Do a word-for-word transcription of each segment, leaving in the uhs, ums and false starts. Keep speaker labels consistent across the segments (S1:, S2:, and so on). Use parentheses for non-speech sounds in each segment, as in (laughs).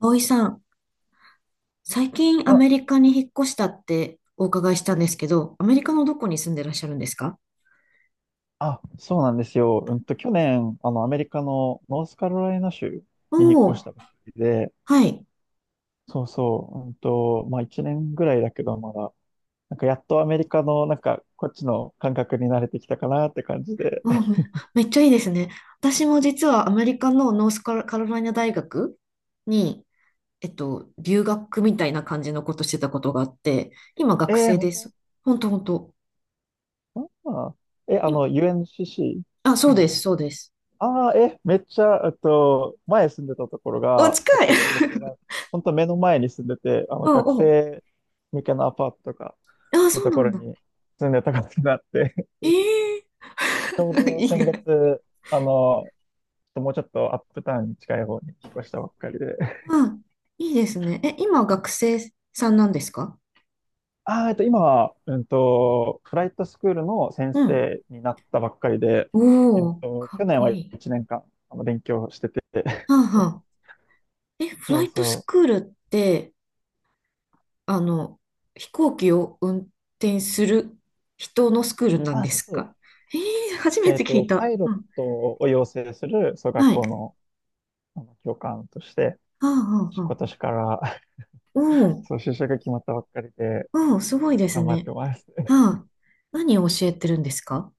S1: 葵さん、最近ア
S2: あ、
S1: メリカに引っ越したってお伺いしたんですけど、アメリカのどこに住んでらっしゃるんですか？
S2: あ、そうなんですよ。うんと、去年、あの、アメリカのノースカロライナ州
S1: お
S2: に引っ
S1: おー、
S2: 越したばっかりで、
S1: はい。
S2: そうそう、うんと、まあ、いちねんぐらいだけど、まだ、なんか、やっとアメリカの、なんか、こっちの感覚に慣れてきたかなって感じで。
S1: おー
S2: (laughs)
S1: め、めっちゃいいですね。私も実はアメリカのノースカロカロライナ大学に、えっと、留学みたいな感じのことしてたことがあって、今学
S2: えー、
S1: 生
S2: 本
S1: で
S2: 当？
S1: す。ほんとほんと。
S2: あーえ、あ
S1: い、
S2: の、
S1: あ、そ
S2: ユーエヌシーシー
S1: うです、
S2: の、
S1: そうです。
S2: ああ、え、めっちゃ、えっと、前住んでたところ
S1: お、
S2: が、
S1: 近
S2: そ
S1: い
S2: こか
S1: (laughs)
S2: ら、本当目の前に住んでて、あの、
S1: お
S2: 学
S1: お、
S2: 生向けのアパートとか
S1: あ、
S2: の
S1: そう
S2: と
S1: な
S2: こ
S1: ん
S2: ろ
S1: だ。
S2: に住んでたことがあって、
S1: ええ
S2: ちょう
S1: ー (laughs)
S2: ど
S1: 意
S2: 先
S1: 外。
S2: 月、あの、もうちょっとアップタウンに近い方に引っ越したばっかりで。(laughs)
S1: あ、いいですね。え、今学生さんなんですか？
S2: あー、えっと、今は、うんと、フライトスクールの先
S1: うん。
S2: 生になったばっかりで、え
S1: お
S2: っ
S1: お、
S2: と、
S1: か
S2: 去
S1: っ
S2: 年
S1: こ
S2: は
S1: いい。
S2: いちねんかん、あの、勉強してて。
S1: はあは
S2: (laughs)
S1: あ。え、フ
S2: そ
S1: ラ
S2: う
S1: イトス
S2: そう。
S1: クールって、あの、飛行機を運転する人のスクールなん
S2: あ、
S1: で
S2: そ
S1: す
S2: うそう。
S1: か？えー、初め
S2: え
S1: て
S2: っ
S1: 聞い
S2: と、パ
S1: た。
S2: イロ
S1: う
S2: ッ
S1: ん。
S2: トを養成する、そう、学
S1: はい。
S2: 校
S1: は
S2: の、あの教官として、
S1: あはあは
S2: 今
S1: あ。
S2: 年から、(laughs)
S1: おお、
S2: そう、就職が決まったばっかりで、
S1: おお、すごいです
S2: 頑張っ
S1: ね。
S2: てます。
S1: はあ。何を教えてるんですか？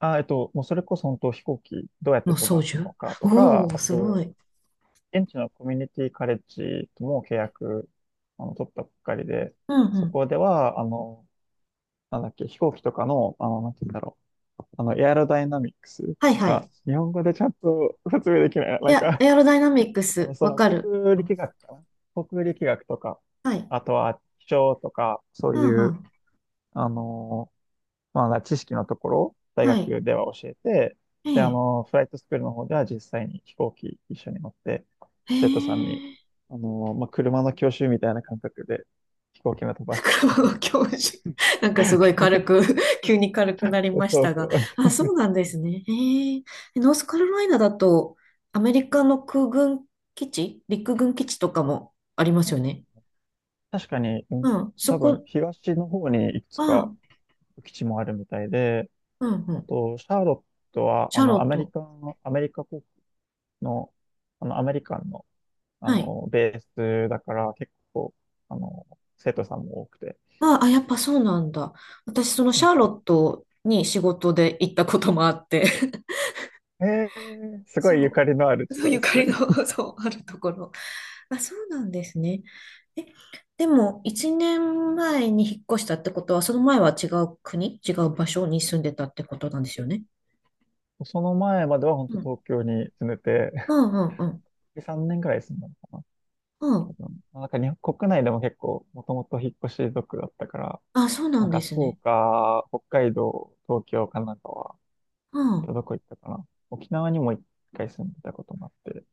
S2: あ、えっと、もうそれこそ本当飛行機どうやって
S1: の
S2: 飛
S1: 操
S2: ばすの
S1: 縦
S2: かと
S1: お
S2: か、
S1: お、
S2: あ
S1: すご
S2: と、
S1: い。
S2: 現地のコミュニティカレッジとも契約、あの、取ったばっかりで、
S1: うんう
S2: そ
S1: ん。
S2: こでは、あの、なんだっけ、飛行機とかの、あの、なんて言うんだろう、あの、エアロダイナミックス、
S1: はい
S2: なん
S1: は
S2: か、
S1: い。
S2: 日本語でちゃんと説明できない、
S1: い
S2: なん
S1: や、
S2: か、
S1: エアロダイナミック
S2: あの、
S1: ス、
S2: そ
S1: わ
S2: の、
S1: か
S2: 航
S1: る。
S2: 空
S1: うん
S2: 力学かな航空力学とか、
S1: はい。
S2: あとは、気象とか、そう
S1: うん
S2: い
S1: う
S2: う、
S1: ん。
S2: あの、まあ、だから知識のところ、大
S1: はい。
S2: 学では教えて、
S1: え
S2: で、あ
S1: え。
S2: の、フライトスクールの方では実際に飛行機一緒に乗って、
S1: へ
S2: 生徒さんに、
S1: え。
S2: あの、まあ、車の教習みたいな感覚で飛行機の飛
S1: (laughs)
S2: ばし方を教
S1: 袋
S2: え
S1: の
S2: てま
S1: 教授。(laughs) なん
S2: す。
S1: かすごい軽
S2: (laughs)
S1: く (laughs) 急に軽くなりまし
S2: そう
S1: た
S2: そ
S1: が。
S2: う。
S1: あ、そうなんですね。へえ。ノースカロライナだと、アメリカの空軍基地、陸軍基地とかもありますよね。
S2: 確かに、うん。
S1: うん。そ
S2: 多分
S1: こ、
S2: 東の方にいくつか
S1: あ、
S2: 基地もあるみたいで、
S1: うんう
S2: あ
S1: ん。
S2: と、シャーロットは、
S1: シ
S2: あ
S1: ャー
S2: の、
S1: ロ
S2: ア
S1: ッ
S2: メリ
S1: ト。
S2: カの、アメリカ国の、あの、アメリカンの、あ
S1: はい。
S2: の、ベースだから、結構、あの、生徒さんも多くて、
S1: あ、あ、やっぱそうなんだ。私、そのシャーロットに仕事で行ったこともあって。
S2: ええー、すごいゆか
S1: そ
S2: りのある
S1: う。
S2: 地
S1: そう、
S2: なんで
S1: ゆ
S2: す
S1: か
S2: ね。
S1: りの、そう、あるところ。あ、そうなんですね。え、でも、一年前に引っ越したってことは、その前は違う国、違う場所に住んでたってことなんですよね。
S2: その前までは本当
S1: うん。
S2: 東京に住んでて、
S1: うんうんうん。
S2: (laughs) さんねんくらい住んだのかな、
S1: う
S2: 多
S1: ん。
S2: 分。なんか日本国内でも結構もともと引っ越し族だったから、
S1: あ、そうな
S2: な
S1: ん
S2: んか
S1: です
S2: 福
S1: ね。
S2: 岡、北海道、東京、神奈川、
S1: う
S2: あと
S1: ん。
S2: どこ行ったかな。沖縄にも一回住んでたこともあって、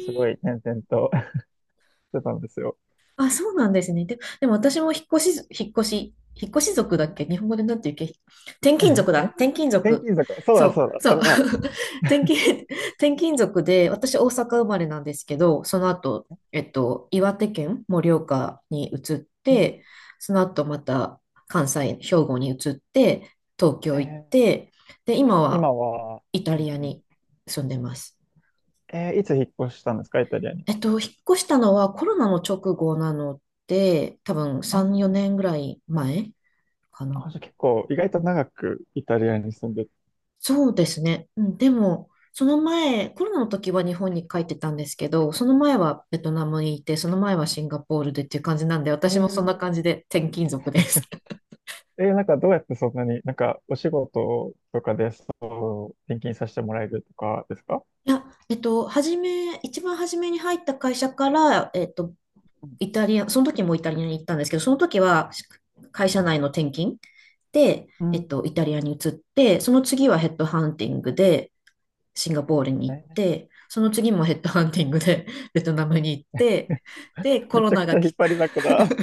S2: す
S1: え
S2: ごい転々と (laughs) してたんですよ。
S1: あ、そうなんですね。で、でも私も引っ越し、引っ越し、引っ越し族だっけ？日本語でなんて言うっけ？転勤
S2: (laughs)
S1: 族
S2: え、
S1: だ。転勤
S2: 転
S1: 族。
S2: 勤族、そうだ
S1: そ
S2: そ
S1: う、
S2: うだ、
S1: そ
S2: そ
S1: う。
S2: れだ。
S1: (laughs) 転勤、転勤族で、私大阪生まれなんですけど、その後、えっと、岩手県盛岡に移っ
S2: うん。
S1: て、その後また関西、兵庫に移って、東
S2: え
S1: 京行っ
S2: ー
S1: て、で、今は
S2: 今は、
S1: イタ
S2: うん
S1: リア
S2: うん。
S1: に住んでます。
S2: えーいつ引っ越したんですか、イタリアに
S1: え
S2: は？
S1: っと、引っ越したのはコロナの直後なので、多分
S2: あ
S1: さん、4
S2: あ
S1: 年ぐらい前かな。
S2: あ、じゃあ結構意外と長くイタリアに住んでて、
S1: そうですね。うん、でも、その前、コロナの時は日本に帰ってたんですけど、その前はベトナムにいて、その前はシンガポールでっていう感じなんで、
S2: え
S1: 私もそんな
S2: ー
S1: 感じで転勤族です。(laughs)
S2: えーなんかどうやってそんなに、なんかお仕事とかでそう転勤させてもらえるとかですか？
S1: いや、えっと、初め、一番初めに入った会社から、えっと、イタリア、その時もイタリアに行ったんですけど、その時は会社内の転勤で、
S2: う
S1: えっ
S2: ん。
S1: と、イタリアに移って、その次はヘッドハンティングでシンガポールに行っ
S2: え
S1: て、その次もヘッドハンティングで (laughs) ベトナムに行って、で、コ
S2: め
S1: ロ
S2: ちゃ
S1: ナ
S2: くち
S1: が
S2: ゃ引
S1: 来
S2: っ
S1: た、
S2: 張りだこだ。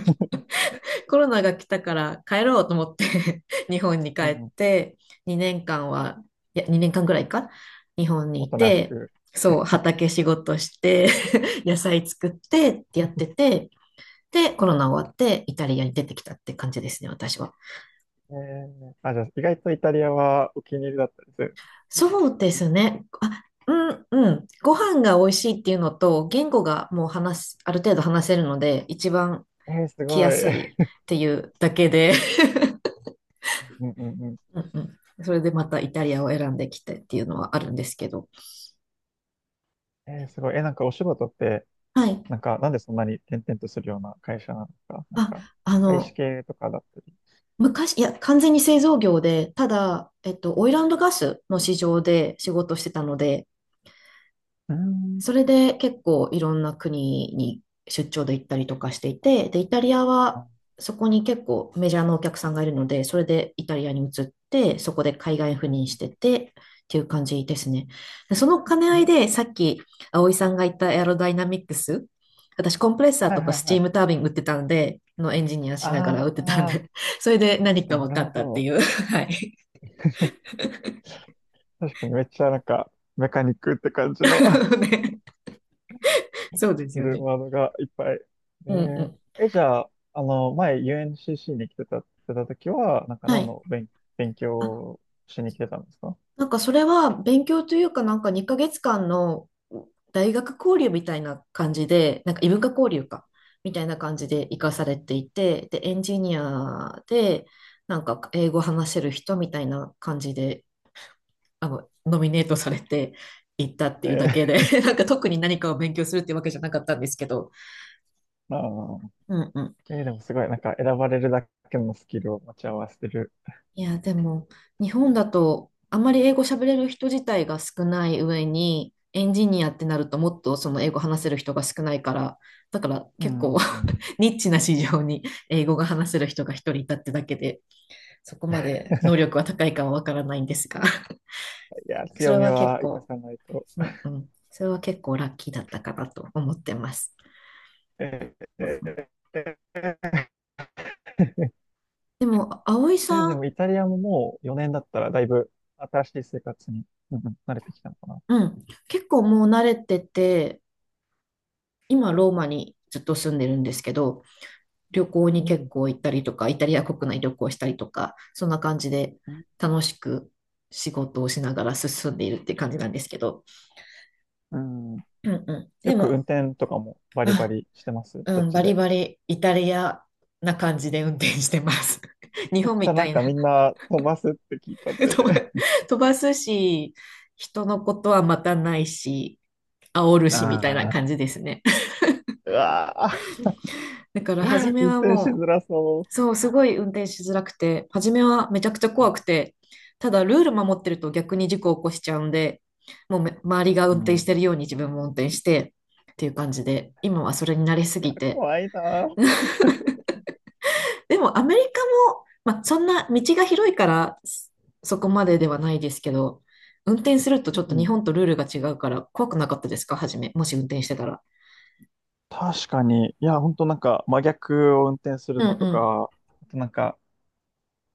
S1: (laughs) コロナが来たから帰ろうと思って (laughs) 日本に帰
S2: う
S1: っ
S2: ん。
S1: て、にねんかんは、いや、にねんかんぐらいか、日本に
S2: お
S1: い
S2: となし
S1: て、
S2: く。
S1: そう、畑仕事して (laughs) 野菜作ってってやってて、で、コロナ終わってイタリアに出てきたって感じですね、私は。
S2: えーあ、じゃあ意外とイタリアはお気に入りだったです。
S1: そうですね。あ、うん、うん。ご飯が美味しいっていうのと、言語がもう話す、ある程度話せるので、一番
S2: えー、す
S1: 来
S2: ご
S1: や
S2: い。
S1: す
S2: う
S1: いっていうだけで、
S2: んうんうん。
S1: (laughs) うんうん。それでまたイタリアを選んできてっていうのはあるんですけど。
S2: えー、すごい。えーなんかお仕事って、
S1: はい。
S2: なんかなんでそんなに転々とするような会社なのか、なんか
S1: あ、あ
S2: 外資
S1: の、
S2: 系とかだったり。
S1: 昔、いや、完全に製造業で、ただ、えっと、オイルガスの市場で仕事してたので、
S2: うーん。
S1: それで結構いろんな国に出張で行ったりとかしていて、で、イタリアは
S2: あ、
S1: そこに結構メジャーなお客さんがいるので、それでイタリアに移って、そこで海外赴
S2: うん
S1: 任しててっていう感じですね。でその兼ね
S2: う
S1: 合い
S2: ん、
S1: でさっき葵さんが言ったエアロダイナミックス、私コンプレッサー
S2: はい
S1: とか
S2: はい
S1: スチ
S2: は
S1: ー
S2: い。
S1: ムタービン打ってたんで、のエンジニアしながら打
S2: あ
S1: ってたん
S2: あ、
S1: で、(laughs) それで何か
S2: な
S1: 分
S2: る
S1: かっ
S2: ほ
S1: たって
S2: ど。
S1: いう。はい。
S2: 確かにめっちゃなんか、メカニックって感じの (laughs)
S1: (laughs) ねそうです
S2: す
S1: よ
S2: る
S1: ね。
S2: ワードがいっぱい。え
S1: うんうん。
S2: ー、え、じゃあ、あの、前 ユーエヌシーシー に来てた、来てた時は、なんか
S1: は
S2: 何
S1: い。
S2: の勉、勉強をしに来てたんですか？
S1: なんかそれは勉強というかなんかにかげつかんの大学交流みたいな感じで、なんか異文化交流か、みたいな感じで活かされていて、で、エンジニアで、なんか英語話せる人みたいな感じで、あの、ノミネートされていったっていうだけ
S2: (laughs) え
S1: で、(laughs) なんか特に何かを勉強するってわけじゃなかったんですけど、
S2: ー。(laughs) あ
S1: うんうん
S2: ーえーでもすごい、なんか選ばれるだけのスキルを持ち合わせてる。
S1: いや、でも、日本だと、あんまり英語喋れる人自体が少ない上に、エンジニアってなると、もっとその英語話せる人が少ないから、だから
S2: うんう
S1: 結構
S2: んうん。
S1: (laughs) ニッチな市場に英語が話せる人が一人いたってだけで、そこまで能力は高いかはわからないんですが、
S2: いや、
S1: (laughs) そ
S2: 強
S1: れ
S2: み
S1: は結
S2: は活か
S1: 構、
S2: さないと。
S1: うんうん、それは結構ラッキーだったかなと思ってます。
S2: えー
S1: うんうん、
S2: えー
S1: でも、葵
S2: え、
S1: さ
S2: で
S1: ん、
S2: もイタリアももうよねんだったらだいぶ新しい生活に、うんうん、慣れてきたのかな。
S1: うん、結構もう慣れてて、今ローマにずっと住んでるんですけど、旅行に
S2: う
S1: 結
S2: ん
S1: 構行ったりとか、イタリア国内旅行したりとか、そんな感じで
S2: うん。
S1: 楽しく仕事をしながら進んでいるって感じなんですけど、
S2: うん。
S1: うんうん。
S2: よ
S1: で
S2: く運
S1: も、
S2: 転とかも
S1: (laughs)
S2: バリバ
S1: あ、
S2: リしてます、そ
S1: う
S2: っ
S1: ん、
S2: ち
S1: バリ
S2: で。
S1: バリイタリアな感じで運転してます。(laughs) 日
S2: そっ
S1: 本
S2: ち
S1: み
S2: は
S1: た
S2: なん
S1: いな
S2: かみんな飛ばすって聞いた
S1: (laughs)
S2: ん
S1: 飛ば、
S2: で。
S1: (laughs) 飛ばすし、人のことはまたないし、煽る
S2: (laughs)
S1: しみたいな
S2: あ
S1: 感じ
S2: あ。
S1: ですね。
S2: うわあ。
S1: だから初
S2: (laughs)
S1: め
S2: 運
S1: は
S2: 転し
S1: も
S2: づ
S1: う
S2: らそ
S1: そう、すごい運転しづらくて、初めはめちゃくちゃ怖くて、ただルール守ってると逆に事故を起こしちゃうんで、もうめ周りが
S2: う。う
S1: 運転して
S2: ん。
S1: るように自分も運転してっていう感じで、今はそれに慣れす
S2: いや、
S1: ぎて。
S2: 怖いなあ。
S1: でもアメリカも、まあ、そんな道が広いからそそこまでではないですけど、運転するとちょっ
S2: う
S1: と日
S2: ん。
S1: 本とルールが違うから怖くなかったですか初め、もし運転してたら。
S2: 確かに。いや、ほんとなんか真逆を運転す
S1: う
S2: る
S1: ん
S2: のと
S1: うん。
S2: か、あとなんか、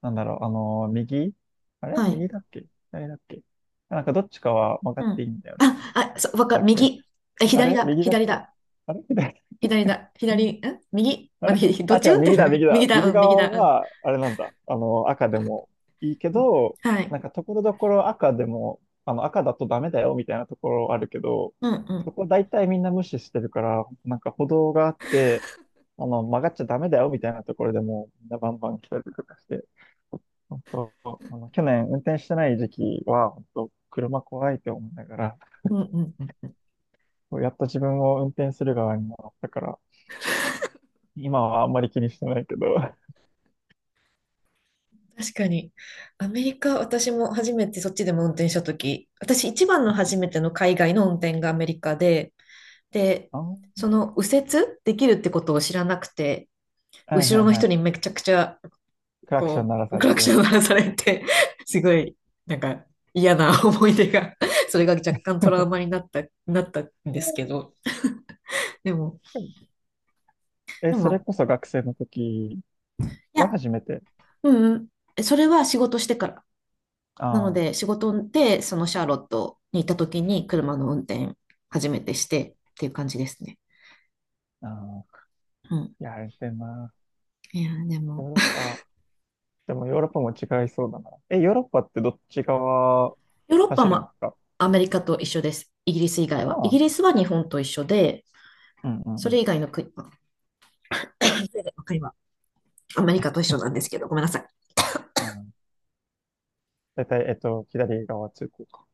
S2: なんだろう、あのー右、あれ、
S1: はい。
S2: 右だっけ？左だっけ？なんかどっちかは分か
S1: う
S2: ってい
S1: ん。
S2: いんだよね。
S1: あ、あ、
S2: どっ
S1: そう、わ
S2: ち
S1: か
S2: だ
S1: る。
S2: っけ？
S1: 右。え、
S2: あ
S1: 左
S2: れ、
S1: だ。
S2: 右だっ
S1: 左
S2: け？
S1: だ。
S2: あれ、左だっけ？
S1: 左だ、左、ん右
S2: あ
S1: ま
S2: れ、
S1: で、(laughs) ど
S2: あ、
S1: っち
S2: 違う、
S1: 運
S2: 右だ、
S1: 転だ
S2: 右
S1: (laughs)
S2: だ。
S1: 右だ、
S2: 右
S1: うん、右
S2: 側
S1: だ、うん。
S2: は、あれなんだ。あの、赤でもいいけ
S1: うん
S2: ど、
S1: はい。
S2: なんか、ところどころ赤でも、あの、赤だとダメだよ、みたいなところあるけど、
S1: うん、う
S2: そ
S1: ん。
S2: こ大体みんな無視してるから、なんか歩道があって、あの、曲がっちゃダメだよ、みたいなところでも、みんなバンバン来たりとかして、本当、あの、去年運転してない時期は、本当、車怖いって思いながら、
S1: うん、うん、うん。
S2: やっと自分を運転する側になったから、今はあんまり気にしてないけど、
S1: 確かに。アメリカ、私も初めてそっちでも運転したとき、私一番の初め
S2: (laughs)
S1: ての海外の運転がアメリカで、で、
S2: あん、
S1: その右折できるってことを知らなくて、
S2: はい
S1: 後
S2: はい
S1: ろの
S2: は
S1: 人に
S2: い。
S1: めちゃくちゃ、
S2: クラクション
S1: こ
S2: 鳴ら
S1: う、
S2: さ
S1: ク
S2: れ
S1: ラクシ
S2: て。
S1: ョン鳴らされて、(laughs) すごい、なんか嫌な思い出が、それが若干トラウマになった、なったんですけ
S2: (laughs)
S1: ど、でも、
S2: え、
S1: で
S2: それ
S1: も、
S2: こそ学生の時
S1: いや、
S2: が初めて？
S1: うんうん。それは仕事してから。なの
S2: あ
S1: で、仕事で、そのシャーロットに行った時に車の運転初めてしてっていう感じですね。
S2: あ、ああ、
S1: うん。
S2: いやあれてな。
S1: いや、で
S2: ヨ
S1: も、
S2: ーロッパ、でもヨーロッパも違いそうだな。え、ヨーロッパってどっち側
S1: (laughs) ヨーロッパ
S2: 走るん
S1: も
S2: ですか？
S1: アメリカと一緒です。イギリス以外は。
S2: あ
S1: イギ
S2: あ、
S1: リスは日本と一緒で、
S2: うんうん
S1: そ
S2: う
S1: れ
S2: ん。
S1: 以外の国、(coughs) それ以外 (coughs) の国はアメリカと一緒なんですけど、ごめんなさい。
S2: うん。大体、えっと、左側通行か。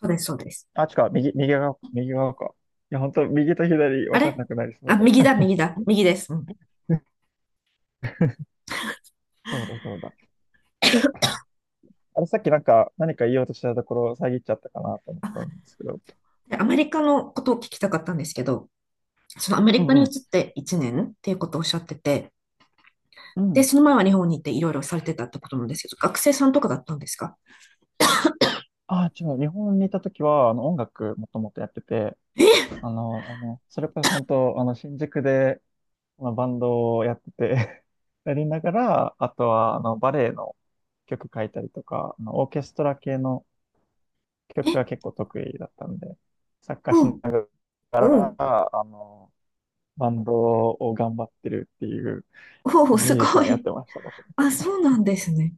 S1: そうです、そうです。
S2: あ、違う、右、右側、右側か。いや、本当右と左
S1: あ
S2: 分かん
S1: れ
S2: なくなりそ
S1: あ、右
S2: う。
S1: だ、右だ、右です。うん。
S2: (laughs) そうだ、そうだ。うん。あれ、さっきなんか、何か言おうとしたところ、遮っちゃったかなと思ったん
S1: あ、
S2: ですけど。
S1: でアメリカのことを聞きたかったんですけど、そのアメ
S2: う
S1: リ
S2: ん
S1: カに
S2: う
S1: 移っ
S2: ん。
S1: ていちねんっていうことをおっしゃってて、
S2: う
S1: で、
S2: ん。
S1: その前は日本に行っていろいろされてたってことなんですけど、学生さんとかだったんですか？
S2: ああ、違う。日本にいた時は、あの、音楽もともとやってて、
S1: え、
S2: あの、あの、それこそ本当、あの、新宿で、まあの、バンドをやってて (laughs) やりながら、あとは、あの、バレエの曲書いたりとか、あの、オーケストラ系の曲が
S1: え、
S2: 結構得意だったんで、作家
S1: う
S2: し
S1: ん、
S2: なが
S1: う
S2: ら、
S1: ん、
S2: あの、バンドを頑張ってるっていう、
S1: おお、
S2: ミ
S1: す
S2: ュージシ
S1: ご
S2: ャンやっ
S1: い。
S2: てました、もと
S1: あ、
S2: も
S1: そ
S2: と。
S1: うなんですね。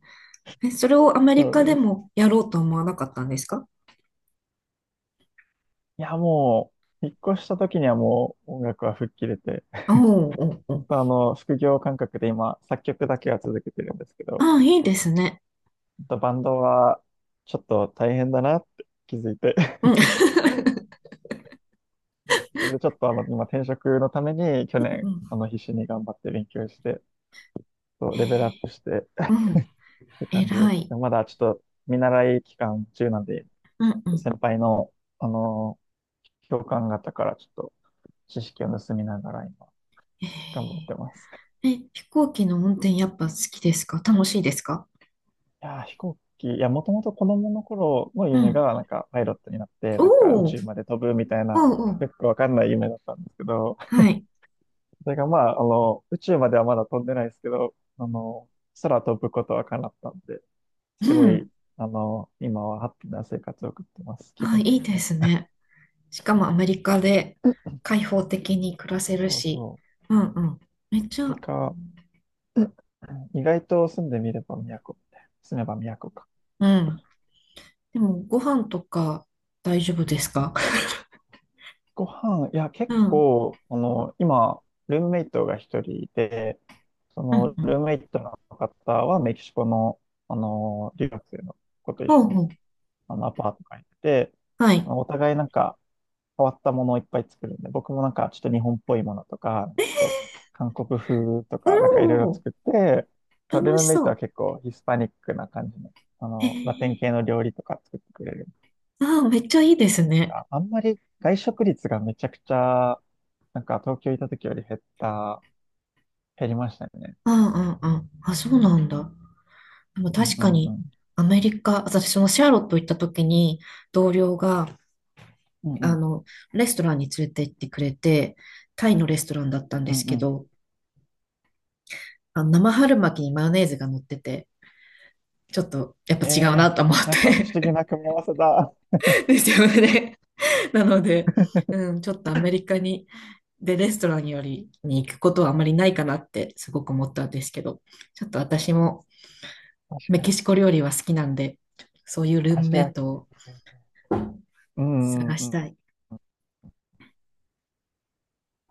S1: え、それをアメリ
S2: そう
S1: カで
S2: です。
S1: もやろうと思わなかったんですか？
S2: いや、もう、引っ越した時にはもう音楽は吹っ切れて、
S1: おお、おーお
S2: 本
S1: ー。
S2: 当あの、副業感覚で今、作曲だけは続けてるんですけど、
S1: あ、いいですね。
S2: 本当バンドはちょっと大変だなって気づいて
S1: うん。
S2: (laughs) それでちょっとあの、今転職のために
S1: (laughs)
S2: 去
S1: うんう
S2: 年、
S1: ん
S2: あの、必死に頑張って勉強して、そ
S1: え
S2: うレベルアッ
S1: ー
S2: プして (laughs) っ
S1: うん
S2: て感じで
S1: 偉
S2: す。
S1: い。
S2: でまだちょっと見習い期間中なんで、
S1: うんうん。
S2: 先輩の、あの、教官方からちょっと知識を盗みながら今、頑張っ
S1: え
S2: てます。
S1: ええ、飛行機の運転やっぱ好きですか？楽しいですか？
S2: いやー、飛行機、いや、もともと子供の頃の
S1: う
S2: 夢
S1: ん。
S2: が、なんか、パイロットになって、
S1: お
S2: なんか、宇
S1: お、おう
S2: 宙まで飛ぶみたいな、
S1: おう、
S2: よくわかんない夢だったんですけど、
S1: はい。
S2: それが、まあ、あの、宇宙まではまだ飛んでないですけど、あの、空飛ぶことは叶ったんで、
S1: う
S2: すごい、
S1: ん。
S2: あの、今はハッピーな生活を送ってます、気
S1: あ、
S2: 分
S1: いい
S2: 的
S1: で
S2: には。
S1: すね。しかもアメリカで開放的に暮ら
S2: そ
S1: せ
S2: う
S1: る
S2: そう
S1: し、
S2: そ
S1: うんうん。めっち
S2: う。
S1: ゃ、
S2: 何か、(clears throat) 意外と住んでみれば都みたいな。住めば都か。
S1: うん。でも、ご飯とか大丈夫ですか？ (laughs)
S2: ご飯、いや、
S1: う
S2: 結
S1: ん、
S2: 構、あの、今、ルームメイトが一人いて、そ
S1: う
S2: の、
S1: ん、うん。
S2: ルームメイトの方はメキシコの、あの、留学生の子と一
S1: ほう
S2: 緒に、
S1: ほう。
S2: あの、アパート借りてて、
S1: は
S2: あ
S1: い。
S2: のお互いなんか、変わったものをいっぱい作るんで、僕もなんか、ちょっと日本っぽいものとか、ちょっと韓国風と
S1: お
S2: か、なんかいろいろ
S1: ー、
S2: 作って、ル
S1: 楽
S2: ーム
S1: し
S2: メイトは
S1: そ
S2: 結構ヒスパニックな感じの、あ
S1: う。
S2: の、ラテン
S1: へ
S2: 系の料理とか作ってくれる
S1: あーめっちゃいいですね。
S2: かあんまり外食率がめちゃくちゃ、なんか東京いた時より減った、減りましたね。
S1: うんうんうん。あ、そうなんだ。でも
S2: うん
S1: 確
S2: う
S1: か
S2: んう
S1: に、
S2: ん。
S1: アメリカ、私もシャーロット行った時に、同僚が、
S2: うんう
S1: あ
S2: ん。
S1: の、レストランに連れて行ってくれて、タイのレストランだったんで
S2: うん
S1: す
S2: う
S1: け
S2: ん。
S1: ど、あの生春巻きにマヨネーズが乗ってて、ちょっとやっぱ
S2: え
S1: 違うな
S2: え、
S1: と思っ
S2: なんか不思議
S1: て
S2: な組み合わせだ。
S1: (laughs) ですよ
S2: (laughs)
S1: ね。なので、うん、ちょっとアメリカに、で、レストランよりに行くことはあまりないかなってすごく思ったんですけど、ちょっと私も
S2: 確
S1: メ
S2: か
S1: キ
S2: に。
S1: シコ料理は好きなんで、そういうルー
S2: ア
S1: ム
S2: ジ
S1: メ
S2: ア
S1: イ
S2: 系。
S1: トを
S2: うん
S1: 探
S2: う
S1: し
S2: ん
S1: た
S2: うん。
S1: い。